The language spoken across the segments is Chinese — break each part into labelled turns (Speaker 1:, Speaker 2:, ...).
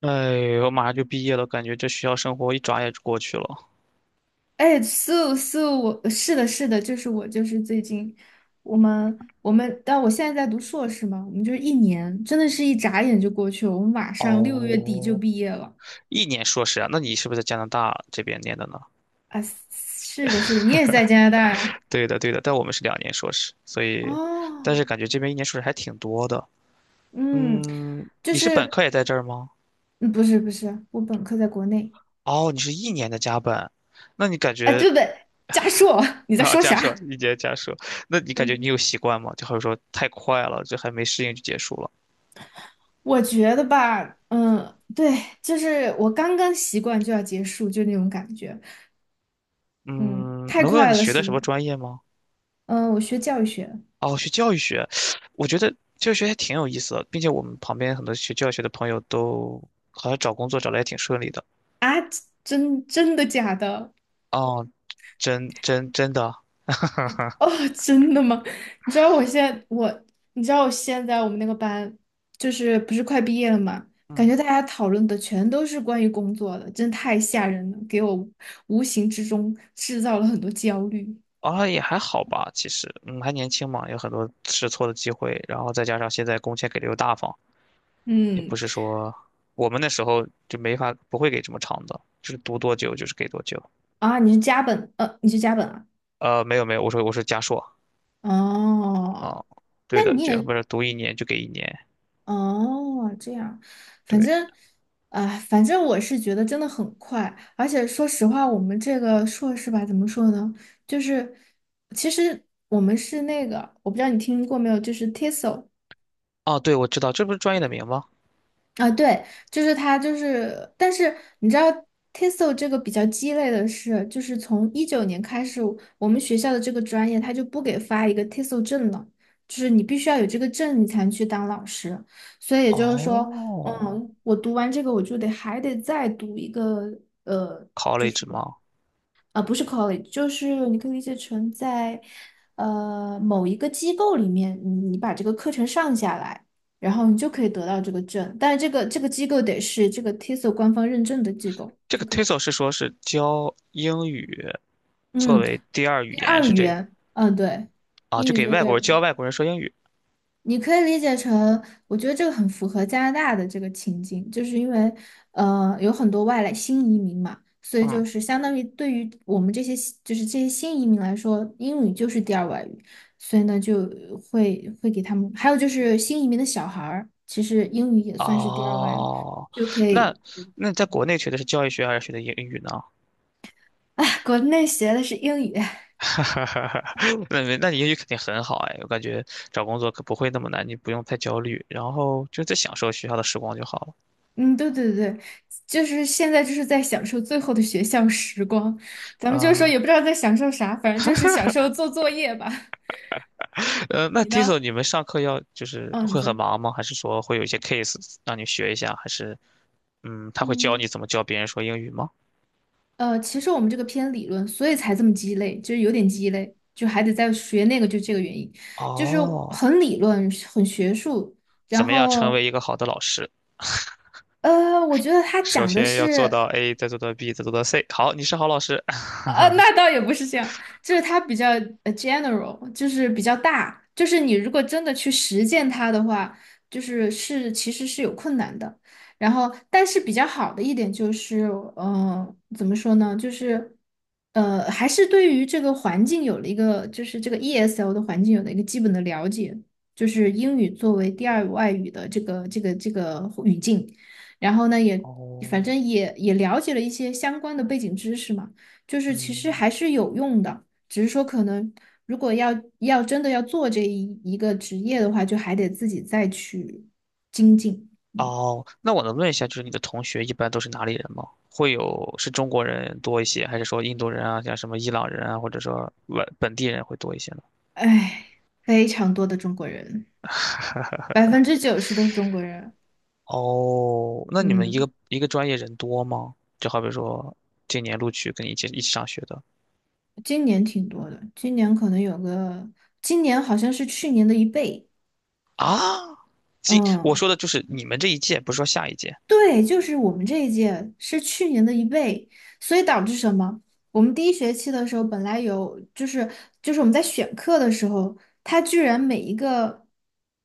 Speaker 1: 哎，我马上就毕业了，感觉这学校生活一转眼就过去了。
Speaker 2: 哎，素素，我是的，是的，就是我，就是最近我们，但我现在在读硕士嘛，我们就是一年，真的是一眨眼就过去了，我们马上6月底就
Speaker 1: 哦，
Speaker 2: 毕业了
Speaker 1: 一年硕士啊？那你是不是在加拿大这边念的呢？
Speaker 2: 啊！是的，是的，你也是在加拿大呀？
Speaker 1: 对的，对的，但我们是2年硕士，所以，但
Speaker 2: 哦，
Speaker 1: 是感觉这边一年硕士还挺多的。
Speaker 2: 嗯，
Speaker 1: 嗯，
Speaker 2: 就
Speaker 1: 你是本
Speaker 2: 是
Speaker 1: 科也在这儿吗？
Speaker 2: 嗯不是不是，我本科在国内
Speaker 1: 哦，你是一年的加本，那你感
Speaker 2: 啊，对
Speaker 1: 觉
Speaker 2: 不对？加硕，你在
Speaker 1: 啊，
Speaker 2: 说
Speaker 1: 加设
Speaker 2: 啥？
Speaker 1: 一年加设，那你感觉你
Speaker 2: 嗯，
Speaker 1: 有习惯吗？就好比说太快了，这还没适应就结束了。
Speaker 2: 我觉得吧，嗯，对，就是我刚刚习惯就要结束，就那种感觉。嗯，
Speaker 1: 嗯，
Speaker 2: 太
Speaker 1: 能问问你
Speaker 2: 快了，
Speaker 1: 学的
Speaker 2: 是，
Speaker 1: 什么专业吗？
Speaker 2: 嗯，我学教育学，
Speaker 1: 哦，学教育学，我觉得教育学还挺有意思的，并且我们旁边很多学教育学的朋友都好像找工作找的也挺顺利的。
Speaker 2: 真真的假的？
Speaker 1: 哦，真的，
Speaker 2: 哦，真的吗？你知道我现在我，你知道我现在我们那个班，就是不是快毕业了嘛？感
Speaker 1: 嗯，
Speaker 2: 觉大家讨论的全都是关于工作的，真的太吓人了，给我无形之中制造了很多焦虑。
Speaker 1: 啊也还好吧，其实，还年轻嘛，有很多试错的机会，然后再加上现在工钱给的又大方，也不
Speaker 2: 嗯，
Speaker 1: 是说我们那时候就没法不会给这么长的，就是读多久就是给多久。
Speaker 2: 啊，你是加本，你是加本啊？
Speaker 1: 没有，我说加硕
Speaker 2: 哦，
Speaker 1: 啊，对
Speaker 2: 那
Speaker 1: 的，
Speaker 2: 你
Speaker 1: 就不
Speaker 2: 也
Speaker 1: 是读一年就给一年，
Speaker 2: 哦，这样，反
Speaker 1: 对，
Speaker 2: 正，啊、反正我是觉得真的很快，而且说实话，我们这个硕士吧，怎么说呢？就是，其实我们是那个，我不知道你听过没有，就是 TESOL，
Speaker 1: 哦对，我知道，这不是专业的名吗？
Speaker 2: 啊，对，就是它，就是，但是你知道，TESOL 这个比较鸡肋的是，就是从19年开始，我们学校的这个专业它就不给发一个 TESOL 证了，就是你必须要有这个证，你才能去当老师。所以也就是说，
Speaker 1: 哦
Speaker 2: 嗯，我读完这个，我就得还得再读一个。
Speaker 1: ，college 吗？
Speaker 2: 啊，不是 college，就是你可以理解成在某一个机构里面，你把这个课程上下来，然后你就可以得到这个证。但是这个机构得是这个 TESOL 官方认证的机构
Speaker 1: 这
Speaker 2: 就
Speaker 1: 个
Speaker 2: 可以。
Speaker 1: TESOL 是说是教英语作
Speaker 2: 嗯，
Speaker 1: 为第二语
Speaker 2: 第
Speaker 1: 言，
Speaker 2: 二
Speaker 1: 是
Speaker 2: 语
Speaker 1: 这
Speaker 2: 言，嗯，对，
Speaker 1: 啊？
Speaker 2: 英
Speaker 1: 就
Speaker 2: 语
Speaker 1: 给
Speaker 2: 作为
Speaker 1: 外
Speaker 2: 第
Speaker 1: 国
Speaker 2: 二。
Speaker 1: 人教外国人说英语。
Speaker 2: 你可以理解成，我觉得这个很符合加拿大的这个情境，就是因为有很多外来新移民嘛，所以
Speaker 1: 嗯，
Speaker 2: 就是相当于对于我们这些新就是这些新移民来说，英语就是第二外语，所以呢就会给他们，还有就是新移民的小孩儿，其实英语也算是第二外语，
Speaker 1: 哦，
Speaker 2: 就可
Speaker 1: 那
Speaker 2: 以，
Speaker 1: 那你在国内学的是教育学还是学的英语呢？
Speaker 2: 哎，国内学的是英语，
Speaker 1: 那没那你英语肯定很好哎，我感觉找工作可不会那么难，你不用太焦虑，然后就在享受学校的时光就好了。
Speaker 2: 嗯，对对对，就是现在就是在享受最后的学校时光，咱们就是说
Speaker 1: 啊、
Speaker 2: 也不知道在享受啥，反正就是享受做作业吧。
Speaker 1: 那
Speaker 2: 你
Speaker 1: Tiso
Speaker 2: 呢？
Speaker 1: 你们上课要就是
Speaker 2: 嗯，你
Speaker 1: 会
Speaker 2: 说，
Speaker 1: 很忙吗？还是说会有一些 case 让你学一下？还是他会教你
Speaker 2: 嗯，
Speaker 1: 怎么教别人说英语吗？
Speaker 2: 其实我们这个偏理论，所以才这么鸡肋，就是有点鸡肋，就还得再学那个，就这个原因，就是
Speaker 1: 哦，
Speaker 2: 很理论，很学术。
Speaker 1: 怎
Speaker 2: 然
Speaker 1: 么样成为
Speaker 2: 后，
Speaker 1: 一个好的老师？
Speaker 2: 我觉得他
Speaker 1: 首
Speaker 2: 讲的
Speaker 1: 先要做
Speaker 2: 是。
Speaker 1: 到 A，再做到 B，再做到 C。好，你是好老师。
Speaker 2: 那倒也不是这样，就是它比较general，就是比较大，就是你如果真的去实践它的话，就是是其实是有困难的。然后，但是比较好的一点就是，怎么说呢？就是，还是对于这个环境有了一个，就是这个 ESL 的环境有了一个基本的了解，就是英语作为第二外语的这个语境。然后呢，也反
Speaker 1: 哦，
Speaker 2: 正也了解了一些相关的背景知识嘛。就是其实
Speaker 1: 嗯，
Speaker 2: 还是有用的，只是说可能如果要真的要做这一个职业的话，就还得自己再去精进。
Speaker 1: 哦，那我能问一下，就是你的同学一般都是哪里人吗？会有是中国人多一些，还是说印度人啊，像什么伊朗人啊，或者说本地人会多一些呢？
Speaker 2: 唉，非常多的中国人，90%都是中国人。
Speaker 1: 哦，那你们一个
Speaker 2: 嗯，
Speaker 1: 一个专业人多吗？就好比说今年录取跟你一起上学的
Speaker 2: 今年挺多的，今年可能有个，今年好像是去年的一倍。
Speaker 1: 啊，今我
Speaker 2: 嗯。
Speaker 1: 说的就是你们这一届，不是说下一届。
Speaker 2: 对，就是我们这一届是去年的一倍，所以导致什么？我们第一学期的时候本来有，就是我们在选课的时候，它居然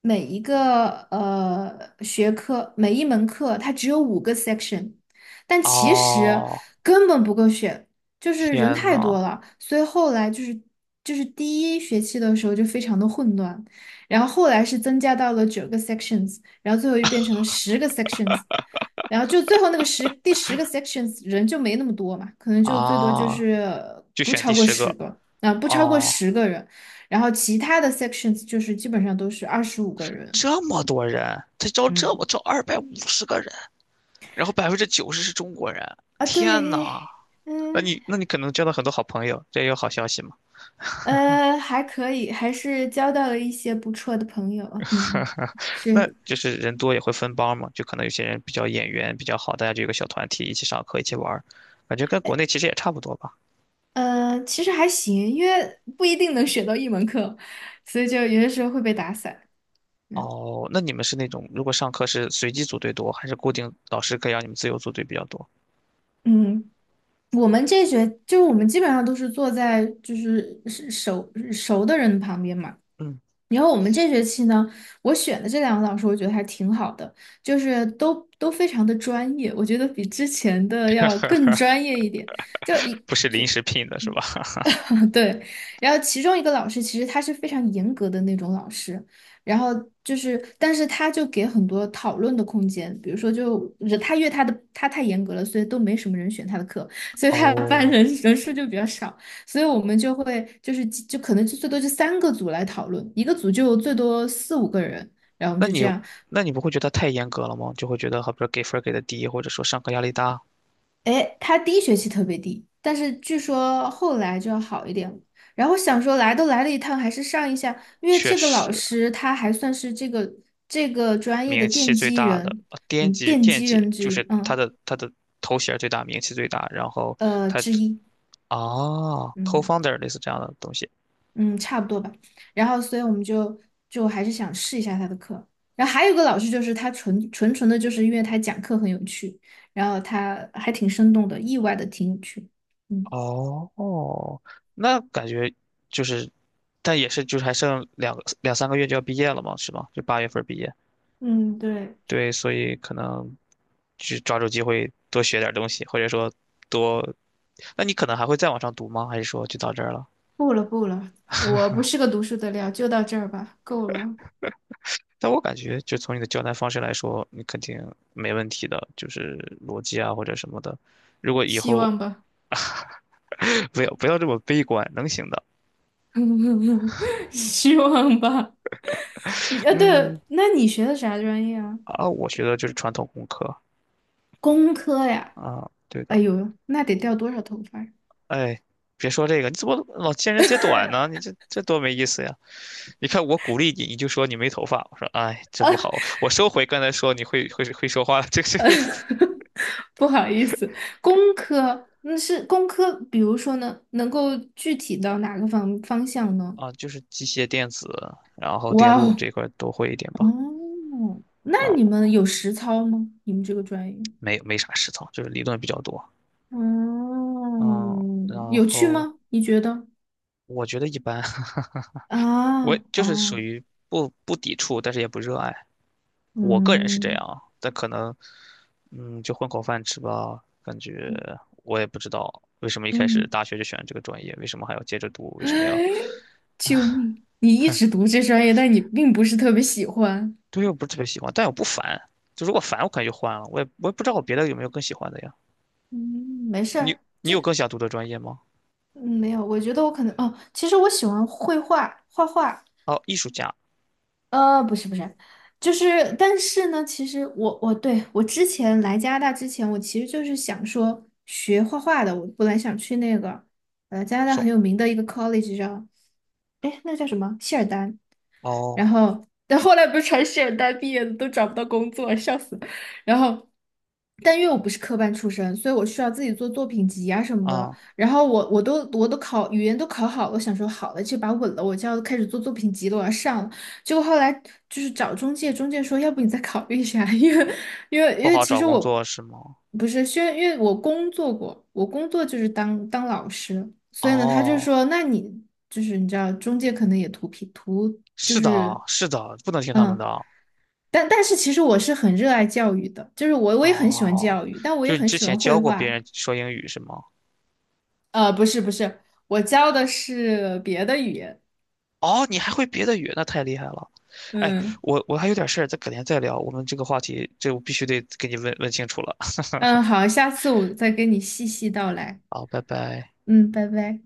Speaker 2: 每一个学科每一门课它只有五个 section，但其实
Speaker 1: 哦，
Speaker 2: 根本不够选，就是人
Speaker 1: 天
Speaker 2: 太
Speaker 1: 呐，
Speaker 2: 多了，所以后来就是第一学期的时候就非常的混乱，然后后来是增加到了九个 sections，然后最后又变成了十个 sections。然后就最后那个第十个 sections 人就没那么多嘛，可能就最多就
Speaker 1: 啊，
Speaker 2: 是
Speaker 1: 就
Speaker 2: 不
Speaker 1: 选
Speaker 2: 超
Speaker 1: 第
Speaker 2: 过
Speaker 1: 十
Speaker 2: 十
Speaker 1: 个
Speaker 2: 个，啊、不超过
Speaker 1: 哦，
Speaker 2: 十个人，然后其他的 sections 就是基本上都是25个人
Speaker 1: 这么多人，他招这
Speaker 2: 嗯，
Speaker 1: 么招250个人，然后90%是中国人，
Speaker 2: 啊，
Speaker 1: 天
Speaker 2: 对，
Speaker 1: 呐，那
Speaker 2: 嗯
Speaker 1: 你那你可能交到很多好朋友，这也有好消息嘛。
Speaker 2: 还可以，还是交到了一些不错的朋友，
Speaker 1: 哈
Speaker 2: 嗯，
Speaker 1: 哈，那
Speaker 2: 是，
Speaker 1: 就是人多也会分帮嘛，就可能有些人比较眼缘比较好，大家就有个小团体一起上课一起玩儿，感觉跟国内其实也差不多吧。
Speaker 2: 其实还行，因为不一定能选到一门课，所以就有些时候会被打散，嗯。
Speaker 1: 哦，那你们是那种如果上课是随机组队多，还是固定老师可以让你们自由组队比较多？
Speaker 2: 嗯，我们这学就是我们基本上都是坐在就是熟的人旁边嘛。
Speaker 1: 嗯，
Speaker 2: 然后我们这学期呢，我选的这两个老师，我觉得还挺好的，就是都非常的专业，我觉得比之前的要更专业一点。就一
Speaker 1: 不是临时聘的是吧？
Speaker 2: 对，然后其中一个老师其实他是非常严格的那种老师，然后就是，但是他就给很多讨论的空间，比如说就他因为他的他太严格了，所以都没什么人选他的课，所以他的班
Speaker 1: 哦，
Speaker 2: 人数就比较少，所以我们就会就是就可能就最多就三个组来讨论，一个组就最多四五个人，然后我们
Speaker 1: 那
Speaker 2: 就这
Speaker 1: 你
Speaker 2: 样，
Speaker 1: 那你不会觉得太严格了吗？就会觉得好比说给分儿给的低，或者说上课压力大。
Speaker 2: 哎，他第一学期特别低，但是据说后来就要好一点了。然后想说来都来了一趟，还是上一下，因为
Speaker 1: 确
Speaker 2: 这个老
Speaker 1: 实，
Speaker 2: 师他还算是这个专业的
Speaker 1: 名气
Speaker 2: 奠
Speaker 1: 最
Speaker 2: 基
Speaker 1: 大的
Speaker 2: 人，
Speaker 1: 惦
Speaker 2: 嗯，
Speaker 1: 记
Speaker 2: 奠
Speaker 1: 惦
Speaker 2: 基
Speaker 1: 记
Speaker 2: 人之
Speaker 1: 就
Speaker 2: 一，
Speaker 1: 是他
Speaker 2: 嗯，
Speaker 1: 的他的头衔儿最大，名气最大，然后他
Speaker 2: 之一，
Speaker 1: 哦 c o
Speaker 2: 嗯
Speaker 1: f o u n d e r 类似这样的东西。
Speaker 2: 嗯，差不多吧。然后所以我们就还是想试一下他的课。然后还有一个老师就是他纯的，就是因为他讲课很有趣，然后他还挺生动的，意外的挺有趣。嗯。
Speaker 1: 哦，那感觉就是，但也是就是还剩两三个月就要毕业了嘛，是吗？就8月份毕业。
Speaker 2: 嗯，对，
Speaker 1: 对，所以可能去抓住机会多学点东西，或者说多，那你可能还会再往上读吗？还是说就到这儿了？
Speaker 2: 不了不了，我不是个读书的料，就到这儿吧，够了，
Speaker 1: 但我感觉，就从你的交谈方式来说，你肯定没问题的，就是逻辑啊或者什么的。如果以
Speaker 2: 希
Speaker 1: 后
Speaker 2: 望吧，
Speaker 1: 不要不要这么悲观，能行的。
Speaker 2: 希望吧。你啊，
Speaker 1: 嗯。
Speaker 2: 对，那你学的啥专业啊？
Speaker 1: 啊，我学的就是传统工科
Speaker 2: 工科呀。
Speaker 1: 啊，对
Speaker 2: 哎
Speaker 1: 的。
Speaker 2: 呦，那得掉多少头发呀
Speaker 1: 哎，别说这个，你怎么老见人揭短呢？你这多没意思呀！你看我鼓励你，你就说你没头发，我说哎，这不好，我收回刚才说你会说话，这个不
Speaker 2: 不好意思，工科那是工科，比如说呢，能够具体到哪个方向呢？
Speaker 1: 啊，就是机械电子，然后电
Speaker 2: 哇
Speaker 1: 路
Speaker 2: 哦，
Speaker 1: 这块儿都会一点吧。
Speaker 2: 哦，那
Speaker 1: 啊，
Speaker 2: 你们有实操吗？你们这个专业？
Speaker 1: 没啥实操，就是理论比较多。嗯，
Speaker 2: 嗯，
Speaker 1: 然
Speaker 2: 有趣
Speaker 1: 后
Speaker 2: 吗？你觉得？
Speaker 1: 我觉得一般，我
Speaker 2: 啊，
Speaker 1: 就是属
Speaker 2: 哦，
Speaker 1: 于不抵触，但是也不热爱。我个人是这
Speaker 2: 嗯
Speaker 1: 样啊，但可能，就混口饭吃吧。感觉我也不知道为什么一开始大
Speaker 2: 嗯，
Speaker 1: 学就选了这个专业，为什么还要接着读，为什么要？
Speaker 2: 救命！你一直读这专业，但你并不是特别喜欢。
Speaker 1: 对，我不是特别喜欢，但我不烦。就如果烦，我可能就换了。我也不知道我别的有没有更喜欢的呀。
Speaker 2: 嗯，没事
Speaker 1: 你
Speaker 2: 儿，
Speaker 1: 你有更想读的专业吗？
Speaker 2: 嗯，没有，我觉得我可能哦，其实我喜欢绘画，画画。
Speaker 1: 哦，艺术家，
Speaker 2: 不是不是，就是，但是呢，其实我对我之前来加拿大之前，我其实就是想说学画画的，我本来想去那个加拿大
Speaker 1: 说
Speaker 2: 很有名的一个 college 叫，哎，那个叫什么？谢尔丹，
Speaker 1: 哦
Speaker 2: 然后，但后来不是传诗人毕业的都找不到工作，笑死。然后，但因为我不是科班出身，所以我需要自己做作品集啊什么的。
Speaker 1: 啊，
Speaker 2: 然后我都考语言都考好了，我想说好了，这把稳了，我就要开始做作品集了，我要上了。结果后来就是找中介，中介说要不你再考虑一下，因为因为
Speaker 1: 不
Speaker 2: 因为
Speaker 1: 好
Speaker 2: 其
Speaker 1: 找
Speaker 2: 实
Speaker 1: 工
Speaker 2: 我
Speaker 1: 作是吗？
Speaker 2: 不是，虽然因为我工作过，我工作就是当老师，所以呢，他就
Speaker 1: 哦，
Speaker 2: 说那你就是你知道中介可能也图便图就
Speaker 1: 是的，
Speaker 2: 是
Speaker 1: 是的，不能听他们
Speaker 2: 嗯，
Speaker 1: 的。
Speaker 2: 但但是其实我是很热爱教育的，就是我也很喜欢
Speaker 1: 哦，
Speaker 2: 教育，但我
Speaker 1: 就
Speaker 2: 也
Speaker 1: 是你
Speaker 2: 很
Speaker 1: 之
Speaker 2: 喜
Speaker 1: 前
Speaker 2: 欢绘
Speaker 1: 教过别
Speaker 2: 画。
Speaker 1: 人说英语是吗？
Speaker 2: 不是不是，我教的是别的语言。
Speaker 1: 哦，你还会别的语，那太厉害了。哎，
Speaker 2: 嗯
Speaker 1: 我还有点事儿，咱改天再聊。我们这个话题，这我必须得给你问问清楚了。
Speaker 2: 嗯，好，下次我再跟你细细道来。
Speaker 1: 好，拜拜。
Speaker 2: 嗯，拜拜。